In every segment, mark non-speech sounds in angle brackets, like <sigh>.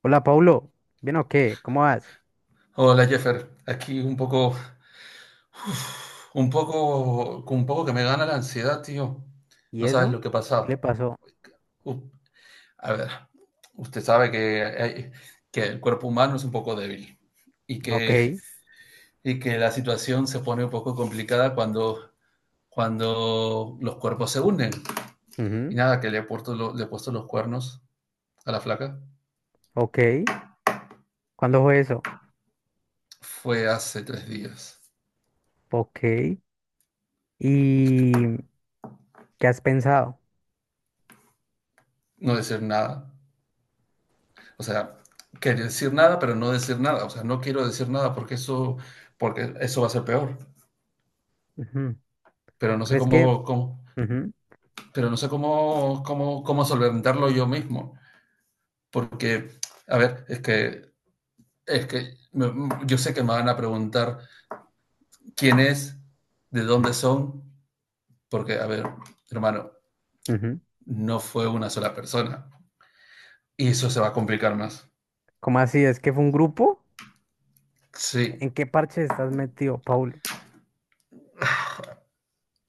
Hola, Paulo. ¿Bien o qué? ¿Cómo vas? Hola Jeffer, aquí un poco, un poco, un poco que me gana la ansiedad, tío. ¿Y No sabes eso? lo que ¿Qué le pasa. pasó? Uh, a ver, usted sabe que que el cuerpo humano es un poco débil y que, Ok. y que la situación se pone un poco complicada cuando los cuerpos se unen. Y Ujú. nada, que le he le he puesto los cuernos a la flaca. Ok. ¿Cuándo fue eso? Fue hace 3 días. Ok. ¿Y qué has pensado? No decir nada. O sea, querer decir nada, pero no decir nada. O sea, no quiero decir nada porque eso va a ser peor. Ujú. Pero no sé ¿Crees que? cómo, Ujú. pero no sé cómo solventarlo yo mismo. Porque, a ver, es que yo sé que me van a preguntar quién es, de dónde son, porque, a ver, hermano, Ujú. no fue una sola persona. Y eso se va a complicar más. ¿Cómo así? ¿Es que fue un grupo? ¿En Sí. qué parche estás metido, Paulo?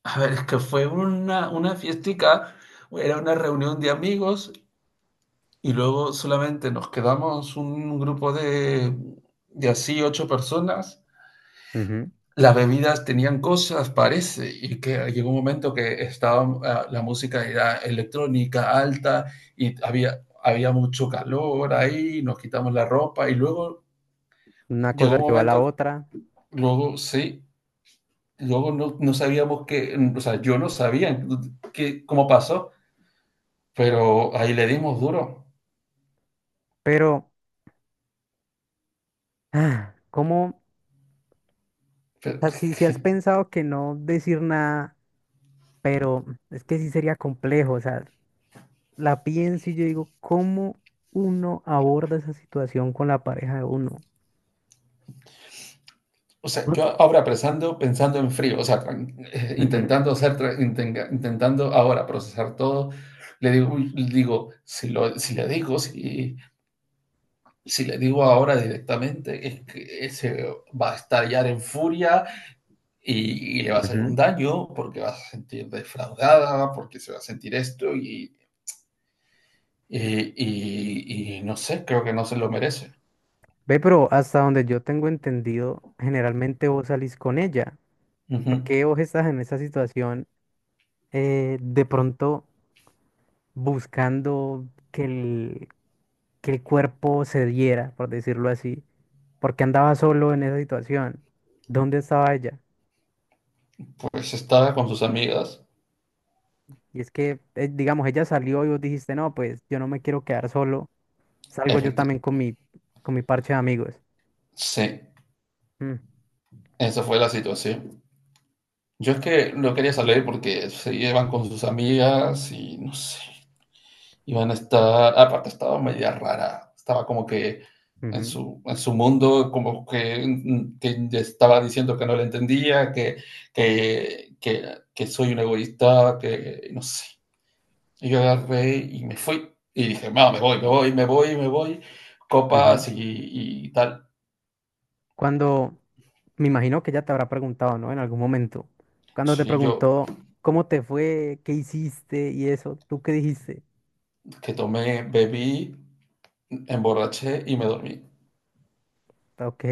A ver, es que fue una fiestica, era una reunión de amigos. Y luego solamente nos quedamos un grupo de así 8 personas. Ujú. Las bebidas tenían cosas, parece, y que llegó un momento que estaba la música era electrónica alta y había mucho calor ahí, nos quitamos la ropa y luego Una llegó cosa un llevó a la momento, otra. luego sí, luego no sabíamos qué, o sea, yo no sabía qué, cómo pasó, pero ahí le dimos duro. Pero, ah, ¿cómo? O Pero- sea, si has <laughs> pensado que no decir nada, pero es que sí sería complejo. O sea, la pienso y yo digo, ¿cómo uno aborda esa situación con la pareja de uno? O sea, yo ahora pensando, pensando en frío, o sea, Ujú. intentando intentando ahora procesar todo, le digo, uy, le digo, si le digo ahora directamente, es que se va a estallar en furia y le va a hacer un Ujú. daño porque va a sentir defraudada, porque se va a sentir esto y, y no sé, creo que no se lo merece. Ve, pero hasta donde yo tengo entendido, generalmente vos salís con ella. ¿Por Ujú. qué vos estás en esa situación, de pronto buscando que el cuerpo se diera, por decirlo así? ¿Por qué andaba solo en esa situación? ¿Dónde estaba ella? Pues estaba con sus amigas, Y es que, digamos, ella salió y vos dijiste, no, pues yo no me quiero quedar solo. Salgo yo efecti- también con mi parche de amigos. sí, Mm. esa fue la situación. Yo es que lo quería salir porque se llevan con sus amigas y no sé, iban a estar, aparte estaba media rara, estaba como que en Ujú. En su mundo, como que, que ya estaba diciendo que no le entendía, que soy un egoísta, que no sé. Y yo agarré y me fui y dije, no, me voy, me voy, me voy, me voy, Ujú. copas y tal. Cuando, me imagino que ya te habrá preguntado, ¿no? En algún momento. Cuando te Sí, yo preguntó cómo te fue, qué hiciste y eso, ¿tú qué dijiste? que tomé, bebí, emborraché y me dormí. Ok.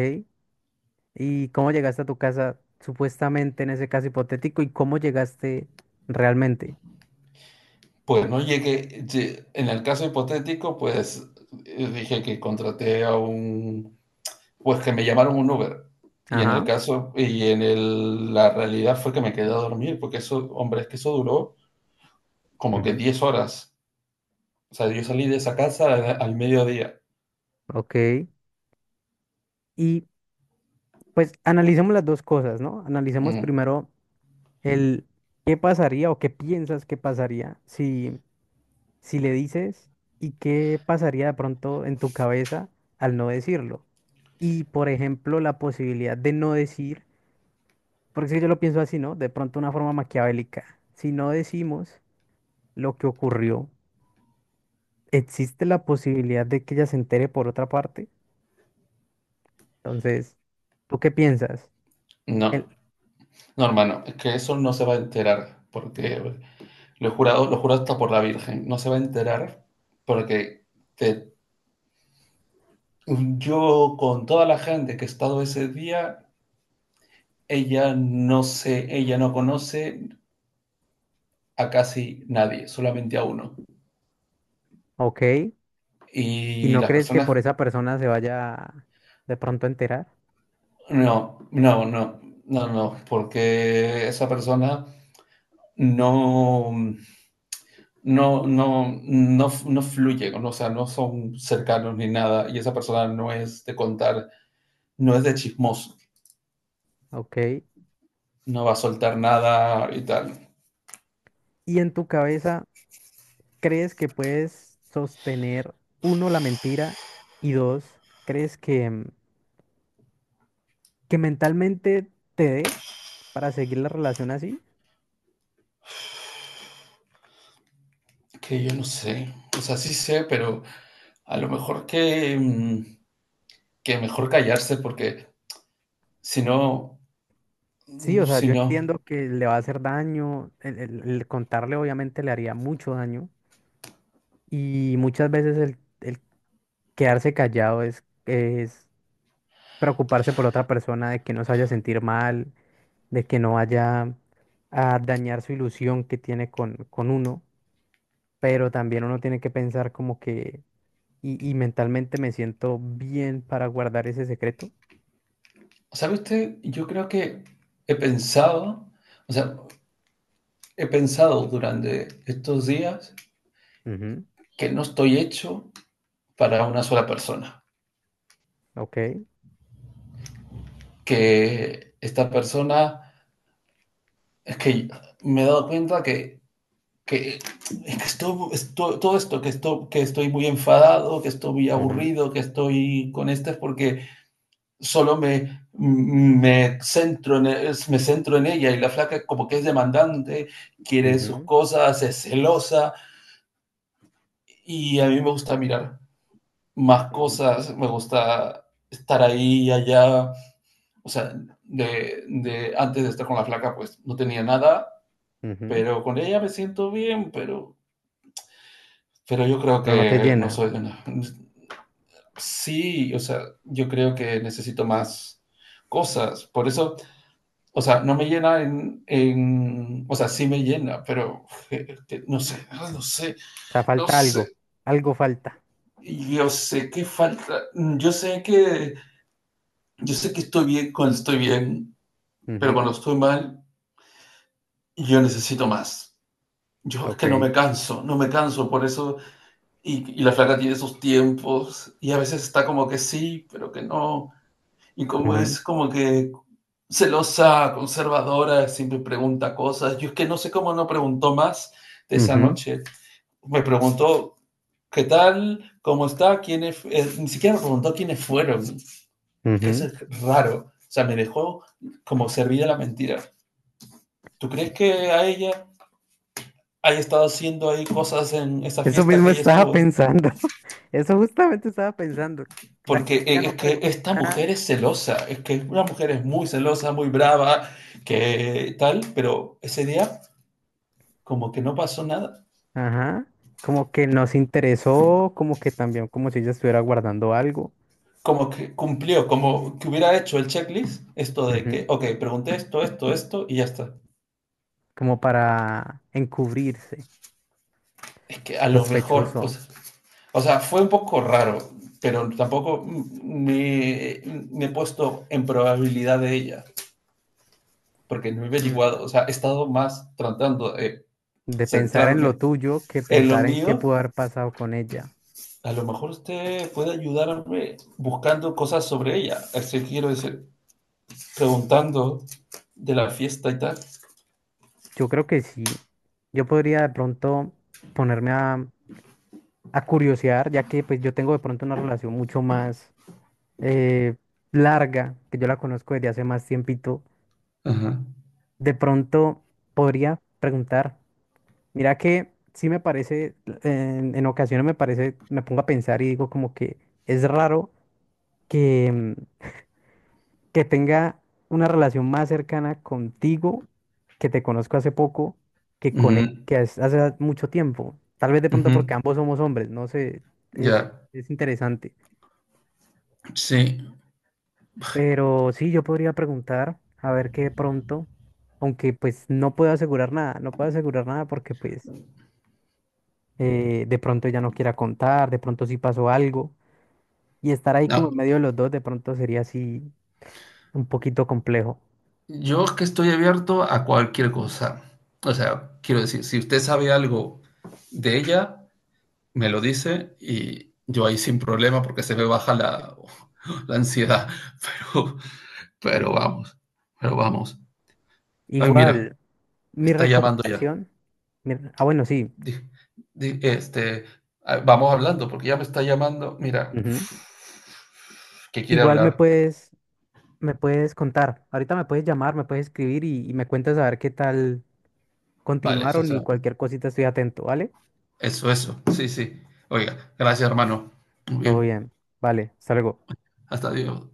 ¿Y cómo llegaste a tu casa, supuestamente en ese caso hipotético, y cómo llegaste realmente? Pues no llegué, en el caso hipotético, pues dije que pues que me llamaron un Uber. Y en el Ajá. caso, y en el- la realidad fue que me quedé a dormir, porque eso, hombre, es que eso duró como que Ujú. 10 horas. O sea, yo salí de esa casa al, mediodía. Ok. Y pues analicemos las dos cosas, ¿no? Analicemos Mm, primero el qué pasaría o qué piensas que pasaría si si le dices, y qué pasaría de pronto en tu cabeza al no decirlo. Y por ejemplo, la posibilidad de no decir, porque es que yo lo pienso así, ¿no? De pronto una forma maquiavélica. Si no decimos lo que ocurrió, existe la posibilidad de que ella se entere por otra parte. Entonces, ¿tú qué piensas? El, no, no, hermano, es que eso no se va a enterar, porque lo he jurado, lo juro hasta por la Virgen, no se va a enterar porque te- yo con toda la gente que he estado ese día. Ella no se, ella no conoce a casi nadie, solamente a uno. ok, ¿y Y no las crees que por personas, esa persona se vaya de pronto a enterar? no, no, no, no, no, porque esa persona no, no, no, no, no fluye, ¿no? O sea, no son cercanos ni nada, y esa persona no es de contar, no es de chismoso, Ok. no va a soltar nada y tal, Y en tu cabeza. ¿Crees que puedes sostener, uno, la mentira y dos, crees que mentalmente te dé para seguir la relación así? que yo no sé, o sea, sí sé, pero a lo mejor que, que mejor callarse, porque si no, Sí, mm. o sea, Sí, yo no. entiendo que le va a hacer daño, el contarle obviamente le haría mucho daño, y muchas veces el quedarse callado es preocuparse por otra persona, de que no se vaya a sentir mal, de que no vaya a dañar su ilusión que tiene con uno, pero también uno tiene que pensar como que. Y mentalmente me siento bien para guardar ese secreto. ¿Sabe usted? Yo creo que he pensado, o sea, he pensado durante estos días Ujú. que no estoy hecho para una sola persona. Ok. Que esta persona, es que me he dado cuenta que, es que todo esto, que estoy muy enfadado, que estoy muy Ujú. aburrido, que estoy con este, es porque solo centro en, me centro en ella y la flaca como que es demandante, quiere sus Ujú. cosas, es celosa. Y a mí me gusta mirar más Ujú. cosas, me gusta estar ahí, y allá, o sea, de antes de estar con la flaca pues no tenía nada, Ujú. pero con ella me siento bien, pero yo creo Pero no te que no llena. soy una... Sí, o sea, yo creo que necesito más cosas, por eso. O sea, no me llena en, o sea, sí me llena, pero que no sé, ah, no sé, O sea, no falta algo. sé. Algo falta. Y yo sé que falta, mm, yo sé que estoy bien cuando estoy bien, pero Ujú. cuando estoy mal, yo necesito más. Yo es que no Ok. me canso, no me canso, por eso, y la flaca tiene esos tiempos, y a veces está como que sí, pero que no, y como Ujú. es como que celosa, conservadora, siempre pregunta cosas, yo es que no sé cómo no preguntó más de esa noche, me preguntó qué tal, cómo está, quiénes, ni siquiera me preguntó quiénes fueron. Es Ujú. que eso Ujú. es raro. O sea, me dejó como servida la mentira. ¿Tú crees que a ella haya estado haciendo ahí cosas en esa Eso fiesta mismo que ella estaba estuvo? pensando. <laughs> Eso justamente estaba pensando. O sea, Porque que ya no es que pregunto esta nada. mujer es celosa, es que una mujer es muy celosa, muy brava, que tal, pero ese día como que no pasó nada, Ajá. Como que nos interesó, como que también, como si ella estuviera guardando algo. como que cumplió, como que hubiera hecho el checklist, esto de Ujú. que, ok, pregunté esto, esto, esto y ya está. Como para encubrirse. Es que a lo mejor, Sospechoso. O sea, fue un poco raro, pero tampoco me he puesto en probabilidad de ella, porque no he Mm. averiguado, o sea, he estado más tratando de De pensar en lo centrarme tuyo que en lo pensar en qué mío. pudo haber pasado con ella. A lo mejor usted puede ayudarme buscando cosas sobre ella, así quiero decir, preguntando de la fiesta y tal. Yo creo que sí. Yo podría de pronto ponerme a curiosear, ya que pues yo tengo de pronto una relación mucho más, eh, larga, que yo la conozco desde hace más tiempito. Ajá. De pronto podría preguntar, mira que sí me parece, en ocasiones me parece, me pongo a pensar y digo como que es raro que... mm, que tenga una relación más cercana contigo, que te conozco hace poco, que con él, Ujú, que hace mucho tiempo. Tal vez de pronto ujú. porque ambos somos hombres, no sé, Ya, es, yeah. es interesante. Sí. Pero sí, yo podría preguntar, a ver qué de pronto, aunque pues no puedo asegurar nada, no puedo asegurar nada porque pues, de pronto ella no quiera contar, de pronto sí pasó algo, y estar ahí como No, en medio de los dos de pronto sería así un poquito complejo. yo es que estoy abierto a cualquier cosa. O sea, quiero decir, si usted sabe algo de ella, me lo dice y yo ahí sin problema porque se me baja la, <laughs> la ansiedad. Pero, pero vamos, pero vamos. Ay, Igual. mira, Mi está llamando ya. recomendación, ah, bueno, sí. Di- Este, vamos hablando porque ya me está llamando. Mira, Ujú. que quiere Igual me hablar. puedes, me puedes contar. Ahorita me puedes llamar, me puedes escribir, y me cuentas a ver qué tal Vale, eso, o continuaron, y sea, cualquier cosita estoy atento, ¿vale? eso, eso. Sí, sí. Oiga, gracias, hermano. Muy Todo bien. bien. Vale, hasta luego. Hasta luego.